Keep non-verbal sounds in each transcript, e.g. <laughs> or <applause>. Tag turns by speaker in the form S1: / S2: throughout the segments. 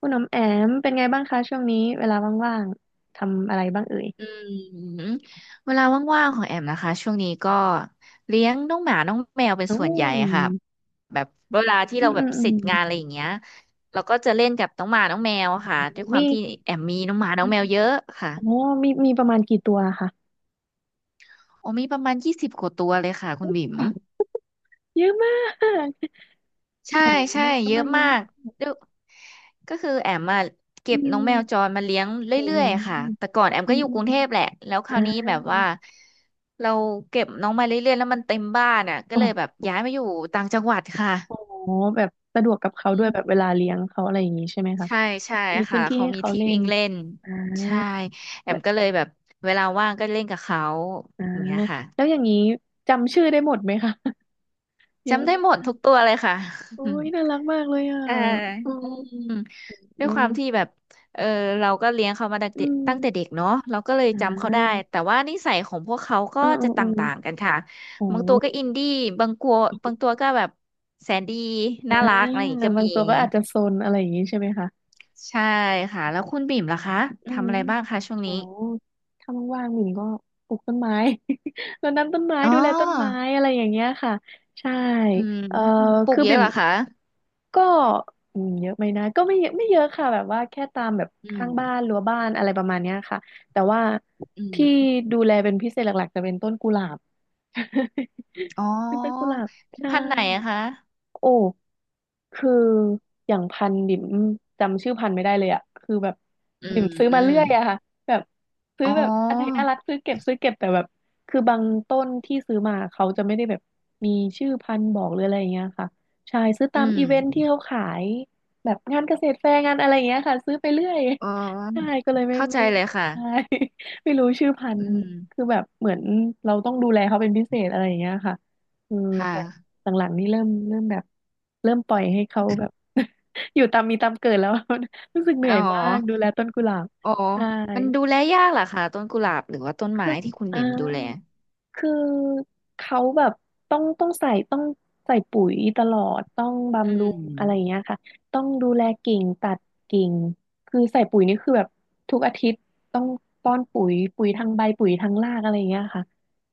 S1: คุณน้ำแอมเป็นไงบ้างคะช่วงนี้เวลาว่างๆทำอะไรบ้างเอ่ย
S2: อืมเวลาว่างๆของแอมนะคะช่วงนี้ก็เลี้ยงน้องหมาน้องแมวเป็น
S1: อื
S2: ส่วนใหญ่ค่ะ
S1: ม
S2: แบบเวลาที่
S1: อื
S2: เรา
S1: ม
S2: แบ
S1: อื
S2: บ
S1: มอื
S2: เส
S1: ม
S2: ร็จงานอะไรอย่างเงี้ยเราก็จะเล่นกับน้องหมาน้องแมวค่ะด้วยความ
S1: มี
S2: ที่แอมมีน้องหมาน้
S1: อื
S2: องแม
S1: ม
S2: วเยอะค่ะ
S1: โอ้มีมีประมาณกี่ตัวคะ
S2: โอ้มีประมาณยี่สิบกว่าตัวเลยค่ะคุณบิ๋ม
S1: อ๋อเยอะมาก
S2: ใช่
S1: โอ้เยอะ
S2: ใช่เย
S1: มา
S2: อะ
S1: กเยอะ
S2: มา
S1: มา
S2: ก
S1: ก
S2: ดูก็คือแอมมาเก็
S1: อื
S2: บน้อง
S1: ม
S2: แมวจรมาเลี้ยงเ
S1: โอ้
S2: รื่อยๆค่ะ
S1: โ
S2: แต่ก่อนแอม
S1: อื
S2: ก็
S1: ม
S2: อยู่
S1: อื
S2: ก
S1: ม
S2: รุงเทพแหละแล้วค
S1: อ่า
S2: ราวนี้แบบว่าเราเก็บน้องมาเรื่อยๆแล้วมันเต็มบ้านอ่ะก็เลย
S1: อ
S2: แบบ
S1: อ
S2: ย้ายมาอยู่ต่างจังหวัดค่ะ
S1: โอ๋แบบสะดวกกับเขาด้
S2: อื
S1: วยแบบเว
S2: ม
S1: ลาเลี้ยงเขาอะไรอย่างนี้ใช่ไหมคะ
S2: ใช่
S1: มี
S2: ใช่
S1: มีพื้
S2: ค่ะ
S1: นที่
S2: เขา
S1: ให้
S2: มี
S1: เขา
S2: ที่
S1: เล่น
S2: วิ่งเล่น
S1: อ่า
S2: ใช่แอมก็
S1: และ
S2: เลยแบบเวลาว่างก็เล่นกับเขา
S1: อ่า
S2: อย่างเงี้ยค่ะ
S1: แล้วอย่างนี้จำชื่อได้หมดไหมคะ <laughs> เยอะ
S2: จำได้
S1: มาก
S2: หมดทุกตัวเลยค่ะ
S1: โอ้ยน่ารักมากเลยอ่ะ
S2: เออ
S1: อื
S2: อ
S1: ม
S2: ืมด้ว
S1: อื
S2: ยความที่
S1: ม
S2: แบบเออเราก็เลี้ยงเขามา
S1: อืม
S2: ตั้งแต่เด็กเนาะเราก็เลย
S1: อ
S2: จำเขาได้
S1: ่า
S2: แต่ว่านิสัยของพวกเขาก็
S1: อืมอื
S2: จะ
S1: ม
S2: ต
S1: อืม
S2: ่างๆกันค่ะ
S1: โอ้
S2: บางตัวก็อินดี้บางกัวบางตัวก็แบบแสนดี
S1: อ่า
S2: น่ารักอะไรอย่างงี้ก็
S1: บาง
S2: มี
S1: ตัวก็อาจจะโซนอะไรอย่างงี้ใช่ไหมคะ
S2: ใช่ค่ะแล้วคุณบิ่มล่ะคะ
S1: อืม
S2: ทำอะไรบ้างคะช่วง
S1: โอ้
S2: นี้
S1: ถ้าว่างๆหมิ่นก็ปลูกต้นไม้ <laughs> รดน้ำต้นไม้
S2: อ๋
S1: ดูแลต้นไม้
S2: อ
S1: อะไรอย่างเงี้ยค่ะ ใช่
S2: อืม
S1: เอ่อ
S2: ปลูก
S1: คือ
S2: เยอะ
S1: บิ่ม
S2: เหรอคะ
S1: ก็อืมเยอะไหมนะก็ไม่เยอะไม่เยอะค่ะแบบว่าแค่ตามแบบ
S2: อื
S1: ข้า
S2: ม
S1: งบ้านรั้วบ้านอะไรประมาณเนี้ยค่ะแต่ว่า
S2: อื
S1: ที่
S2: ม
S1: ดูแลเป็นพิเศษหลักๆจะเป็นต้นกุหลาบ <laughs>
S2: อ๋อ
S1: เป็นต้นกุหลาบ
S2: เป็น
S1: ใช่
S2: พันธุ์ไหนอะคะ
S1: โอ้คืออย่างพันธุ์บิ่มจำชื่อพันธุ์ไม่ได้เลยอะคือแบบ
S2: อื
S1: บิ่มซื้อมาเรื่อย
S2: ม
S1: อะค่ะแบบซื้อ
S2: อ๋อ
S1: แบบอันไหนน่ารักซื้อเก็บซื้อเก็บแต่แบบคือบางต้นที่ซื้อมาเขาจะไม่ได้แบบมีชื่อพันธุ์บอกหรืออะไรอย่างเงี้ยค่ะใช่ซื้อ
S2: อื
S1: ตาม
S2: ม
S1: อีเวนท์ที่เขาขายแบบงานเกษตรแฟร์งานอะไรอย่างเงี้ยค่ะซื้อไปเรื่อย
S2: อ๋อ
S1: ใช่ก็เลยไม่
S2: เข้าใจ
S1: ไม่
S2: เลย
S1: ใช่
S2: ค่ะ
S1: <laughs> ไม่รู้ชื่อพัน
S2: อื
S1: ธุ์
S2: ม
S1: คือแบบเหมือนเราต้องดูแลเขาเป็นพิเศษอะไรอย่างเงี้ยค่ะเออ
S2: ค่ะ
S1: แต่ หลังๆนี่เริ่มเริ่มแบบเริ่มปล่อยให้เขาแบบ <laughs> อยู่ตามมีตามเกิดแล้ว <laughs> รู้สึกเหนื่
S2: อ๋
S1: อ
S2: อ
S1: ยมากดูแลต้นกุหลาบ
S2: อ๋อ
S1: ใช่
S2: มันดูแลยากเหรอคะต้นกุหลาบหรือว่าต้น
S1: คื
S2: ไม้
S1: อ
S2: ที่คุณ
S1: อ่า
S2: บิ่มดูแล
S1: คือเขาแบบต้องต้องใส่ต้องใส่ปุ๋ยตลอดต้อง
S2: อื
S1: บำรุ
S2: ม
S1: งอะไรอย่างเงี้ยค่ะต้องดูแลกิ่งตัดกิ่งคือใส่ปุ๋ยนี่คือแบบทุกอาทิตย์ต้องป้อนปุ๋ยปุ๋ยทางใบปุ๋ยทางรากอะไรอย่างเงี้ยค่ะ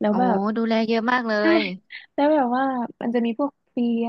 S1: แล้ว
S2: อ๋อ
S1: แบบ
S2: ดูแลเยอะมากเล
S1: ใช่
S2: ย
S1: แล้วแบบว่ามันจะมีพวกเพลี้ย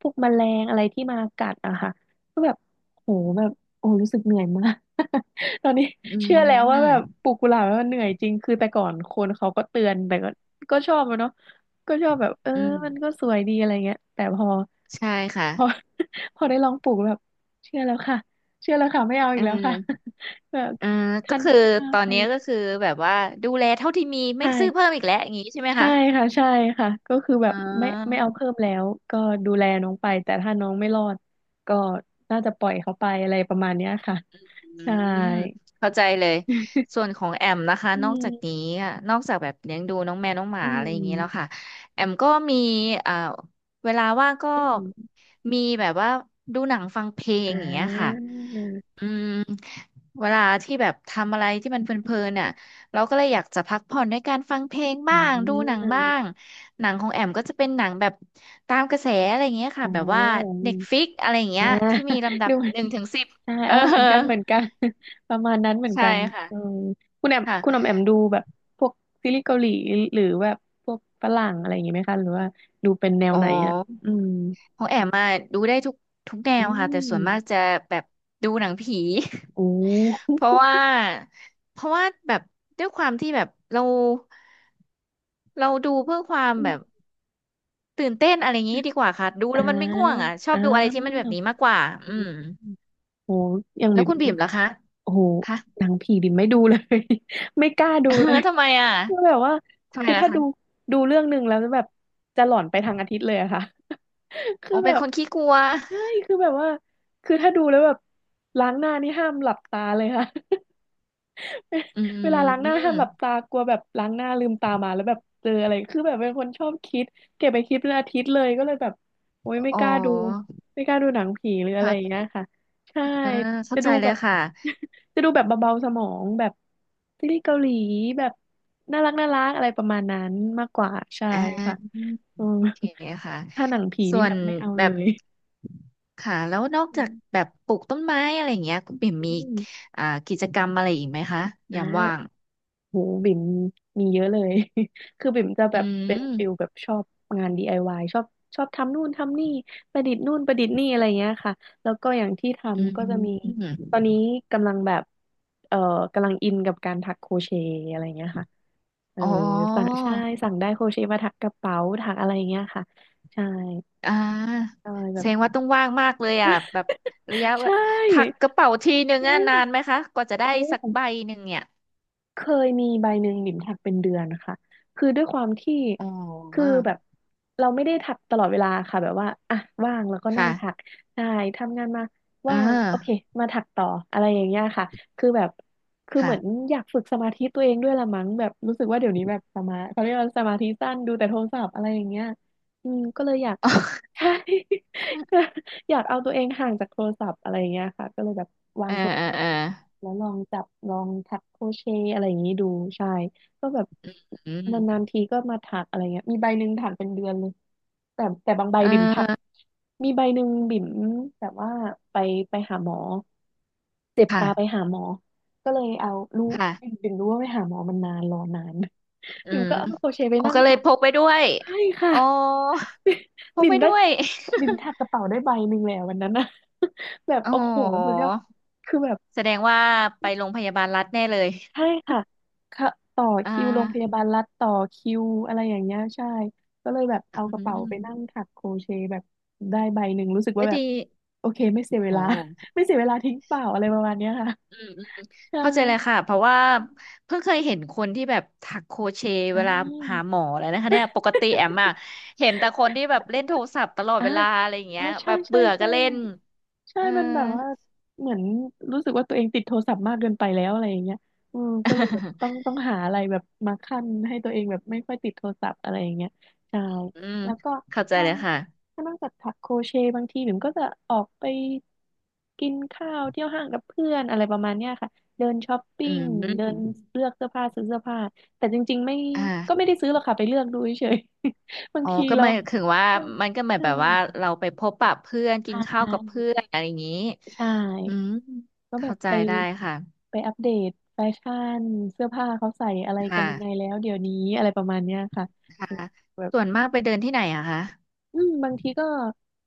S1: พวกแมลงอะไรที่มากัดอะค่ะก็แบบโหแบบโอ้รู้สึกเหนื่อยมาก <laughs> ตอนนี้
S2: อืม
S1: เชื่อแล้วว่า
S2: อื
S1: แบ
S2: ม
S1: บปลูกกุหลาบแล้วมันเหนื่อยจริงคือแต่ก่อนคนเขาก็เตือนแต่ก็ก็ชอบอะเนาะก็ชอบแบบเออ
S2: อืม
S1: มันก็สวยดีอะไรเงี้ยแต่พอ
S2: ใช่ค่ะ
S1: พอ <laughs> พอได้ลองปลูกแล้วแบบเชื่อแล้วค่ะเชื่อแล้วค่ะไม่เอา
S2: เ
S1: อีกแล้วค่ะ
S2: ออ
S1: <laughs> แบบ
S2: เออก็
S1: ท่าน
S2: คือ
S1: เจ้า
S2: ตอนนี้ก็
S1: ไป
S2: คือแบบว่าดูแลเท่าที่มีไม่ซื้อเพิ่
S1: ใช่
S2: มอีกแล้วอย่างนี้ใช่ไหม
S1: ใช่
S2: คะ
S1: ค่ะใช่ค่ะก็คือแบ
S2: อ๋
S1: บไม่ไม่
S2: อ
S1: เอาเพิ่มแล้วก็ดูแลน้องไปแต่ถ้าน้องไม่รอดก็น่าจะปล่อยเขาไปอะไรประมาณเนี้ยค่ะ
S2: อื
S1: ใช่
S2: มเข้าใจเลยส่ว
S1: <laughs>
S2: นของแอมนะคะ
S1: อื
S2: นอกจากนี้
S1: ม
S2: อะนอกจากแบบเลี้ยงดูน้องแมวน้องหมา
S1: อื
S2: อะไรอย่างนี้แล้วค่ะ
S1: ม
S2: แอมก็มีอ่าเวลาว่างก็
S1: อืม
S2: มีแบบว่าดูหนังฟังเพลง
S1: อ่
S2: อย่างเงี้ยค่ะ
S1: า
S2: อืมเวลาที่แบบทำอะไรที่มันเพลินๆน่ะเราก็เลยอยากจะพักผ่อนด้วยการฟังเพลง
S1: อ่
S2: บ้างดูหนัง
S1: า
S2: บ้างหนังของแอมก็จะเป็นหนังแบบตามกระแสอะไรอย่างเงี้ย
S1: อ๋อ
S2: ค่ะแบบว่า Netflix อะไรอย่างเงี้
S1: อ่า
S2: ยที่มีลำ
S1: <laughs>
S2: ดั
S1: ดู
S2: บ
S1: เหมือ
S2: ห
S1: น
S2: นึ่งถึงสิบ
S1: อ่า
S2: เอ
S1: เอ
S2: อ
S1: อเหมือนกันเหมือนกัน <laughs> ประมาณนั้นเหมือน
S2: ใช่
S1: กัน
S2: ค่ะ
S1: เออคุณแอมคุณอ
S2: ค่ะ
S1: อมแอมดูแบบพวกซีรีส์เกาหลีหรือแบบพวกฝรั่งอะไรอย่างงี้ไหมคะหรือว่าดูเป็นแนว
S2: อ๋อ
S1: ไหนอ่ะอืม
S2: ของแอมมาดูได้ทุกแน
S1: อื
S2: วค่ะแต่ส่วนมากจะ
S1: ม
S2: แบบดูหนังผี
S1: โอ้
S2: <laughs> เพราะว่าแบบด้วยความที่แบบเราดูเพื่อความแบบตื่นเต้นอะไรอย่างนี้ดีกว่าค่ะดู
S1: อ่า
S2: แล้วมันไม่ง่วงอ่ะชอ
S1: อ่
S2: บดูอะไรที่มันแบ
S1: า
S2: บนี้มากกว่าอืม
S1: โอ้โหยัง
S2: แล้ว
S1: บิ่ม
S2: คุณบีมล่ะคะ
S1: โอ้โห
S2: คะ
S1: หนังผีบิ่มไม่ดูเลย <laughs> ไม่กล้าดูเล
S2: <laughs>
S1: ย
S2: ทำไมอ่ะ
S1: คือแบบว่า
S2: ทำไม
S1: คือ
S2: ล่ะ
S1: ถ้า
S2: คะ
S1: ดูดูเรื่องหนึ่งแล้วแบบจะหลอนไปทางอาทิตย์เลยอะค่ะ <laughs> คื
S2: อ๋
S1: อ
S2: อ
S1: แบ
S2: เป็น
S1: บ
S2: คนขี้กลัว
S1: ใช่คือแบบว่าคือถ้าดูแล้วแบบล้างหน้านี่ห้ามหลับตาเลยค่ะ <laughs>
S2: อื
S1: เวลาล้างหน้า
S2: ม
S1: ห้ามหลับตากลัวแบบล้างหน้าลืมตามาแล้วแบบเจออะไรคือแบบเป็นคนชอบคิดเก็บไปคิดเป็นอาทิตย์เลยก็เลยแบบโอ๊ยไม่
S2: อ๋อ
S1: กล้าดูไม่กล้าดูหนังผีหรืออะไรอย่างเงี้
S2: ค่ะ
S1: ยค่ะใช่
S2: อ่าเข้า
S1: จะ
S2: ใจ
S1: ดู
S2: เล
S1: แบ
S2: ย
S1: บ
S2: ค่ะ
S1: <laughs> จะดูแบบเบาๆสมองแบบซีรีส์เกาหลีแบบน่ารักน่ารักอะไรประมาณนั้นมากกว่าใช่
S2: อ่า
S1: ค่ะอืม
S2: โอเคค่ะ
S1: <laughs> ถ้าหนังผี
S2: ส่
S1: นี่
S2: ว
S1: แบ
S2: น
S1: บไม่เอา
S2: แบ
S1: เล
S2: บ
S1: ย
S2: ค่ะแล้วนอก
S1: อื
S2: จากแบบปลูกต้นไม้อะไรอย่างเงี้ยคุณปิ่มมี
S1: ม
S2: อ่ากิจกรรมอะไรอีกไหมคะ
S1: อ่า
S2: ยามว่าง
S1: โหบิ่มมีเยอะเลย <laughs> คือบิ่มจะ
S2: อื
S1: แบบเป็นฟิล
S2: ม
S1: แบบชอบงาน DIY ชอบชอบทำนู่นทำนี่ประดิษฐ์นู่นประดิษฐ์นี่อะไรเงี้ยค่ะแล้วก็อย่างที่
S2: อื
S1: ทำก็จะมีตอ
S2: ม
S1: นนี้กำลังแบบเอ่อกำลังอินกับการถักโครเชต์อะไรเงี้ยค่ะเออ
S2: อ๋อ
S1: สั่งใช่สั่งได้โครเชต์มาถักกระเป๋าถักอะไรเงี้ยค่ะใช่
S2: อ่า
S1: ใช่แบ
S2: แส
S1: บ
S2: ดงว่าต้องว่างมากเลยอ่ะแบบระยะ
S1: <laughs>
S2: เวลา
S1: ใช่
S2: ถักกระเป๋าทีนึง
S1: จริ
S2: อ่ะ
S1: ง
S2: นานไหมคะกว่าจะได้
S1: โอ้
S2: สักใบหนึ่งเนี่ย
S1: เคยมีใบหนึ่งบิ่มถักเป็นเดือนนะคะคือด้วยความที่
S2: อ๋
S1: คือ
S2: อ
S1: แบบเราไม่ได้ถักตลอดเวลาค่ะแบบว่าอ่ะว่างแล้วก็นั่งถัก
S2: ค่ะ
S1: ใช่ทำงานมา
S2: เ
S1: ว่างโอเค
S2: ออ
S1: มาถักต่ออะไรอย่างเงี้ยค่ะคือแบบคือเห
S2: ค่ะ
S1: มือนอยากฝึกสมาธิตัวเองด้วยละมั้งแบบรู้สึกว่าเดี๋ยวนี้แบบสมาเขาเรียกว่าสมาธิสั้นดูแต่โทรศัพท์อะไรอย่างเงี้ยอืมก็เลยอยาก ใช่
S2: <laughs>
S1: <laughs> อยากเอาตัวเองห่างจากโทรศัพท์อะไรอย่างเงี้ยค่ะก็เลยแบบวา
S2: เอ
S1: ง
S2: อ
S1: โทร
S2: เออ
S1: ศัพท์
S2: เออ
S1: แล้วลองจับลองถักโครเชต์อะไรอย่างงี้ดูใช่ก็แบบ
S2: อื
S1: นาน
S2: ม
S1: ๆทีก็มาถักอะไรเงี้ยมีใบหนึ่งถักเป็นเดือนเลยแต่บางใบ
S2: เอ
S1: บิ่มถัก
S2: อ
S1: มีใบหนึ่งบิ่มแบบว่าไปไปหาหมอเจ็บ
S2: ค่ะ
S1: ตาไปหาหมอก็เลยเอารู้บิ่ม
S2: ค่ะ
S1: บิ่มรู้ว่าไปหาหมอมันนานรอนาน <laughs>
S2: อื
S1: บิ่ม
S2: ม
S1: ก็เอาโครเชต์ไป
S2: อ๋อ
S1: นั่ง
S2: ก็เล
S1: ถั
S2: ย
S1: ก
S2: พกไปด้วย
S1: ใช่ค่ะ
S2: อ๋อพ
S1: <laughs>
S2: ก
S1: บิ่
S2: ไป
S1: มได้
S2: ด้วย
S1: บิ่มแทบกระเป๋าได้ใบหนึ่งแล้ววันนั้นนะ <laughs> แบบ
S2: <laughs> อ๋อ
S1: โอ้โหสุดยอดคือแบบ
S2: แสดงว่าไปโรงพยาบาลรัฐแน่เลย
S1: ใช่ค่ะค่ะต่อ
S2: อ่
S1: คิวโรงพยาบา
S2: า
S1: ลรัฐต่อคิวอะไรอย่างเงี้ยใช่ก็เลยแบบเอา
S2: อื
S1: กระเป๋าไปนั่ง
S2: ม
S1: ถักโครเชต์แบบได้ใบหนึ่งรู้สึก
S2: ก็
S1: ว่าแบบ
S2: ดี
S1: โอเคไม่เสียเว
S2: โอ
S1: ลา
S2: ้
S1: <laughs> ไม่เสียเวลาทิ้งเปล่าอะไรประมาณเนี้ยค่ะ
S2: อืมอืม
S1: ใช่
S2: เข้าใจเลยค่ะเพราะว่าเพิ่งเคยเห็นคนที่แบบถักโครเชต์
S1: อ่
S2: เวลาหา
S1: า
S2: หมอเลยนะคะเนี่ยปกติแอมอะเห็นแต่คนที่แบบเล่นโทรศัพท์ตลอด
S1: อ่า
S2: เวลาอะไรอย่าง
S1: อ๋
S2: เงี้
S1: อ
S2: ย
S1: ใช่
S2: แบบ
S1: ใช่
S2: เบื่อก็
S1: ใช่
S2: เล่น
S1: ใช่
S2: เออ
S1: มันแบบว่าเหมือนรู้สึกว่าตัวเองติดโทรศัพท์มากเกินไปแล้วอะไรอย่างเงี้ยอืมก็เลยแบบต้องหาอะไรแบบมาคั่นให้ตัวเองแบบไม่ค่อยติดโทรศัพท์อะไรอย่างเงี้ยใช่
S2: <laughs> อืม
S1: แล้วก็
S2: เข้าใจ
S1: ถ้า
S2: เลยค่ะ
S1: ถ้านอกจากถักโครเชต์บางทีหนูก็จะออกไปกินข้าวเที่ยวห้างกับเพื่อนอะไรประมาณเนี้ยค่ะเดินช้อป
S2: อื
S1: ปิ้งเดิน
S2: ม
S1: เลือกเสื้อผ้าซื้อเสื้อผ้าแต่จริงๆไม่
S2: อ่า
S1: ก็ไม่ได้ซื้อหรอกค่ะไปเลือกดูเฉยๆ <laughs> บาง
S2: อ๋อ
S1: ที
S2: ก็
S1: เรา
S2: หมายถึงว่ามันก็หมาย
S1: ใช่
S2: แบบว่า
S1: ใ
S2: เราไปพบปะเพื่อนกิ
S1: ช
S2: นข้าวกับเพื่
S1: ่
S2: อนอะไรอย่างนี้
S1: ใช่
S2: อืม
S1: ก็แบ
S2: เข้า
S1: บ
S2: ใจ
S1: ไป
S2: ได้ค่ะ
S1: ไปอัปเดตแฟชั่นเสื้อผ้าเขาใส่อะไรกั
S2: ค่ะ
S1: นยังไงแล้วเดี๋ยวนี้อะไรประมาณเนี้ยค่ะ
S2: ค่ะ
S1: แบบ
S2: ส่วนมากไปเดินที่ไหนอะคะ
S1: อืมบางทีก็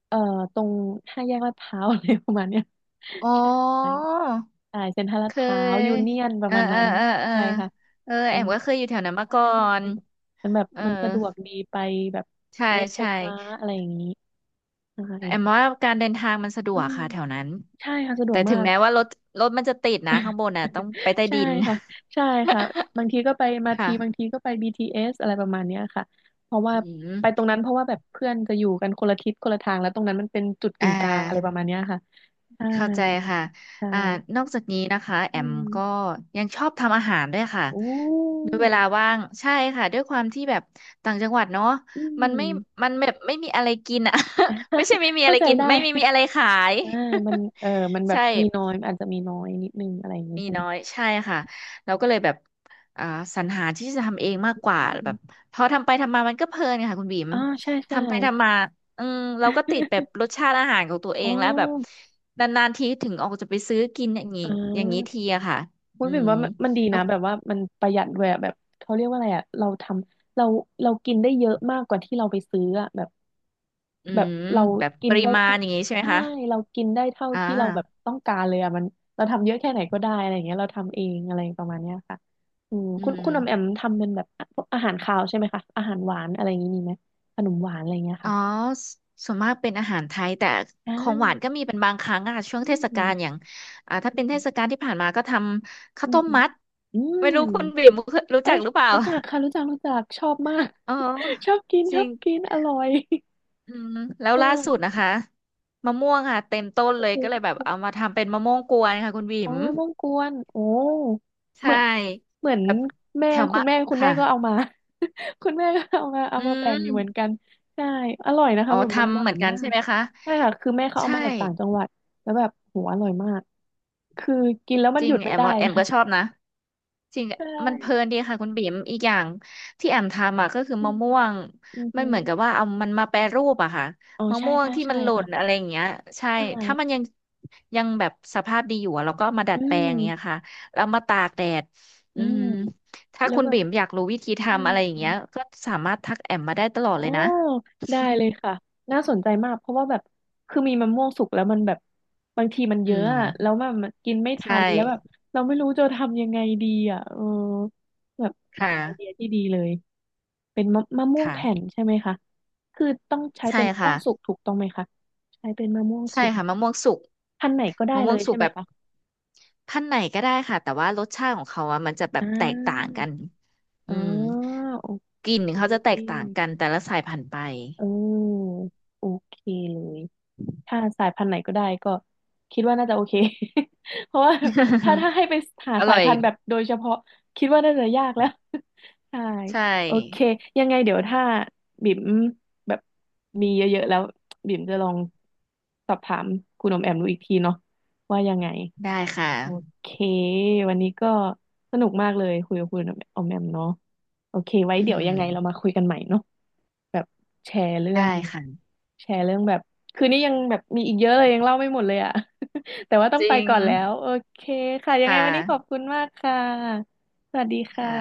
S1: เอ่อตรงห้าแยกลาดพร้าวอะไรประมาณเนี้ย
S2: อ๋อ
S1: <laughs> ใช่ใช่เซ็นทรัลลา
S2: เค
S1: ดพร้าวยู
S2: ย
S1: เนียนประ
S2: เออ
S1: มาณ
S2: เอ
S1: นั้
S2: อ
S1: น
S2: เออเอ
S1: ใช่
S2: อ
S1: ค่ะ
S2: เออ
S1: อื
S2: แอม
S1: ม
S2: ก็เคยอยู่แถวนั้นมา
S1: ใช่
S2: ก่อ
S1: ใช่
S2: น
S1: มันแบบ
S2: เออ
S1: มันสะดวกดีไปแบบ
S2: ใช่
S1: รถไฟ
S2: ใช่
S1: ฟ้าอะไรอย่างนี้ใช่
S2: แอมว่า
S1: ค่ะ
S2: การเดินทางมันสะด
S1: อื
S2: วก
S1: ม
S2: ค่ะแถวนั้น
S1: ใช่ค่ะสะดว
S2: แต่
S1: ก
S2: ถึ
S1: มา
S2: ง
S1: ก
S2: แม้ว่ารถมันจะติดนะข้า
S1: <laughs>
S2: งบนน่ะต้องไปใต้
S1: ใช่
S2: ดิน
S1: ค่ะใช่ค่ะบางทีก็ไปมา
S2: <laughs>
S1: ที
S2: ค่ะ
S1: บางทีก็ไป BTS อสอะไรประมาณเนี้ยค่ะเพราะว่า
S2: อื
S1: ไปตรง
S2: ม
S1: นั้นเพราะว่าแบบเพื่อนจะอยู่กันคนละทิศคนละทางแล้วตรงนั้นมันเป็นจุด
S2: อ่
S1: กึ่งกลางอะไรป
S2: า
S1: ระมาณเนี้ยค่ะใช่
S2: เข้าใจค่ะ
S1: ใช
S2: อ่า
S1: ่
S2: นอกจากนี้นะคะแอ
S1: อื
S2: ม
S1: ม
S2: ก็ยังชอบทำอาหารด้วยค่ะ
S1: โอ้
S2: ด้วยเวลาว่างใช่ค่ะด้วยความที่แบบต่างจังหวัดเนาะ
S1: อื
S2: มัน
S1: ม
S2: ไม่มันแบบไม่มีอะไรกินอ่ะ <laughs> ไม่ใช่ไม่
S1: <laughs>
S2: มีอะ
S1: เข้า
S2: ไร
S1: ใจ
S2: กิน
S1: ได้
S2: ไม่มีมีอะไรขาย
S1: อ่ามันเออมัน
S2: <laughs>
S1: แบบ
S2: ใช่
S1: มีน้อยอาจจะมีน้อยนิดนึงอะไรอย่างนี้
S2: มี
S1: ใช่ไหม
S2: น้อยใช่ค่ะเราก็เลยแบบอ่าสรรหาที่จะทำเองมากกว่า
S1: อื
S2: แบบ
S1: ม
S2: พอทำไปทำมามันก็เพลินค่ะคุณบิ๋ม
S1: อ่าใช่ใช่
S2: ทำไปทำมาอืมเราก็ติด
S1: <laughs>
S2: แบบรสชาติอาหารของตัวเอ
S1: อ๋อ
S2: งแล้วแบบนานๆทีถึงออกจะไปซื้อกิน
S1: อ่
S2: อย่างนี้ที
S1: า
S2: อะค่ะ
S1: มุ้
S2: อื
S1: ยบิ่ม
S2: ม
S1: ว่ามันมันดี
S2: แล้ว
S1: นะแบบว่ามันประหยัดด้วยอะแบบเขาเรียกว่าอะไรอะเราทำเราเรากินได้เยอะมากกว่าที่เราไปซื้ออะแบบ
S2: อื
S1: แบบ
S2: ม
S1: เรา
S2: แบบ
S1: กิ
S2: ป
S1: น
S2: ริ
S1: ได้
S2: มาณ
S1: ทั้ง
S2: อย่างนี้ใช่ไหม
S1: ใช่
S2: คะ
S1: เรากินได้เท่า
S2: อ่า
S1: ที่เราแบบต้องการเลยอะมันเราทำเยอะแค่ไหนก็ได้อะไรอย่างเงี้ยเราทำเองอะไรประมาณเนี้ยค่ะอืม
S2: อื
S1: คุณคุ
S2: ม
S1: ณอมแอมทำเป็นแบบพวกอาหารคาวใช่ไหมคะอาหารหวานอะไรอย่างงี้มีไหมขนมหวานอะไรอย่างเงี้ย
S2: อ๋อ
S1: ค่ะ
S2: สส่วนมากเป็นอาหารไทยแต่
S1: อ่
S2: ของหวาน
S1: า
S2: ก็มีเป็นบางครั้งอะช่วง
S1: อื
S2: เทศกา
S1: ม
S2: ลอย่างอ่าถ้า
S1: อื
S2: เป็นเท
S1: ม
S2: ศกาลที่ผ่านมาก็ทำข้า
S1: อื
S2: ว
S1: ม
S2: ต้มมัด
S1: อืม
S2: ไม่รู้คุณบิ่มเคยรู้
S1: เอ้
S2: จัก
S1: ย
S2: หรือเปล่า
S1: รู้จักค่ะรู้จักรู้จักชอบมา
S2: <laughs>
S1: ก
S2: อ๋อ
S1: <laughs> ชอบกิน
S2: จ
S1: ช
S2: ริ
S1: อ
S2: ง
S1: บกินอร่อย
S2: อืมแล้
S1: <laughs>
S2: ว
S1: เอ
S2: ล่าสุด
S1: อ
S2: นะคะมะม่วงค่ะเต็มต้น
S1: โอ้
S2: เลย
S1: โห
S2: ก็เลยแบบเอามาทำเป็นมะม่วงกวนค่ะคุณบิ่
S1: อ๋อ
S2: ม
S1: ต้องกวนโอ้เห
S2: ใช่
S1: มือนเหมือน
S2: แบบ
S1: แม่
S2: แถว
S1: คุ
S2: มะ
S1: ณแม่คุณแม่
S2: ค่ะ
S1: ก็เอามา <laughs> คุณแม่ก็เอามาเอา
S2: อื
S1: มาแบ่งอยู่เหมือน
S2: ม
S1: กันใช่อร่อยนะ
S2: อ๋
S1: คะ
S2: อ
S1: แบบมันห
S2: ทำ
S1: วา
S2: เหมือ
S1: น
S2: นกัน
S1: มา
S2: ใช่
S1: ก
S2: ไหมคะ
S1: ใช่ค่ะคือแม่เขาเอา
S2: ใช่
S1: มาจากต่างจังหวัดแล้วแบบโหอร่อยมากคือกินแล้วมั
S2: จ
S1: นห
S2: ริ
S1: ยุ
S2: ง
S1: ด
S2: แอ
S1: ไม่
S2: ม
S1: ได้
S2: ว่าแอมก็ชอ
S1: ค่ะ
S2: บนะ จริง
S1: ใช
S2: มันเพลิ
S1: ่
S2: นดีค่ะคุณบิ๋มอีกอย่างที่แอมทำอ่ะก็คือ
S1: อื
S2: มะ
S1: ม
S2: ม่วง
S1: อือ
S2: มั
S1: หื
S2: นเหมือนกับว่าเอามันมาแปรรูปอะค่ะ
S1: อ๋อ
S2: มะ
S1: ใช่
S2: ม่วง
S1: ใช่
S2: ที่
S1: ใช่
S2: มันหล่น
S1: ค่ะ
S2: อะไรอย่างเงี้ยใช่
S1: ใช
S2: ถ้ามัน
S1: ่
S2: ยังแบบสภาพดีอยู่อะเราก็เอามาดั
S1: อื
S2: ดแปลงอย่างเงี้ย
S1: ม
S2: ค่ะแล้วมาตากแดด
S1: อื
S2: อืม
S1: ม
S2: ถ้า
S1: แล้ว
S2: คุณ
S1: แบบ
S2: บิ๋มอยากรู้วิธี
S1: อื
S2: ทำอะ
S1: ม
S2: ไรอย่างเงี้ยก็สามารถทักแอมมาได้ตลอด
S1: อ๋อ
S2: เลยนะ
S1: ได้เลยค่ะน่าสนใจมากเพราะว่าแบบคือมีมะม่วงสุกแล้วมันแบบบางทีมัน
S2: <laughs> อื
S1: เยอะ
S2: ม
S1: อะแล้วมันมันกินไม่ทั
S2: ใช่
S1: นแล้วแบบเราไม่รู้จะทำยังไงดีอ่ะเออแบบ
S2: ค
S1: เป็นไอเดีย
S2: ่ะ
S1: ที่ดีเลยเป็นมะมะม่วงแผ่น
S2: ค่ะ
S1: ใช่ไหมคะคือต้องใช้
S2: ใช่
S1: เป็นมะม่ว
S2: ค่ะ
S1: งสุกถูกต้องไหมคะใช้เป็นมะม่วง
S2: ใช่
S1: สุก
S2: ค่ะมะม่วงสุก
S1: พันธุ์ไหนก็ได้
S2: มะ
S1: เล
S2: ม่วง
S1: ย
S2: สุ
S1: ใช่
S2: ก
S1: ไหม
S2: แบบ
S1: คะ
S2: ขั้นไหนก็ได้ค่ะแต่ว่ารสชาติของเขาอะมันจะแบ
S1: อ่
S2: บแตกต่าง
S1: า
S2: กัน
S1: อ๋
S2: อื
S1: อ
S2: ม
S1: โอ
S2: ก
S1: เ
S2: ลิ่นเขา
S1: ค
S2: จะแตกต่างกันแต่ละสายพันธุ์ไป
S1: เออโอเคเลยถ้าสายพันธุ์ไหนก็ได้ก็คิดว่าน่าจะโอเค <laughs> เพราะว่าถ้าให้ไปหา
S2: <laughs> อ
S1: สา
S2: ร่
S1: ย
S2: อย
S1: พันธุ์แบบโดยเฉพาะคิดว่าน่าจะยากแล้ว <laughs> ใช่
S2: ใช่
S1: โอเคยังไงเดี๋ยวถ้าบิ่มแบบมีเยอะๆแล้วบิ่มจะลองสอบถามคุณอมแอมดูอีกทีเนาะว่ายังไง
S2: ได้ค่ะ
S1: โอเควันนี้ก็สนุกมากเลยคุยกับคุณอมแอมเนาะโอเคไว้เดี๋ย
S2: อื
S1: วยั
S2: ม
S1: งไงเรามาคุยกันใหม่เนาะ แบบแชร์เรื่อ
S2: ได้
S1: ง
S2: ค่ะ
S1: แชร์เรื่องแบบคืนนี้ยังแบบมีอีกเยอะเลยยังเล่าไม่หมดเลยอ่ะ <laughs> แต่ว่าต้อ
S2: จ
S1: งไป
S2: ริง
S1: ก่อนแล้วโอเคค่ะยังไง
S2: ค่ะ
S1: วันนี้ขอบคุณมากค่ะสวัสดีค่ะ
S2: ค่ะ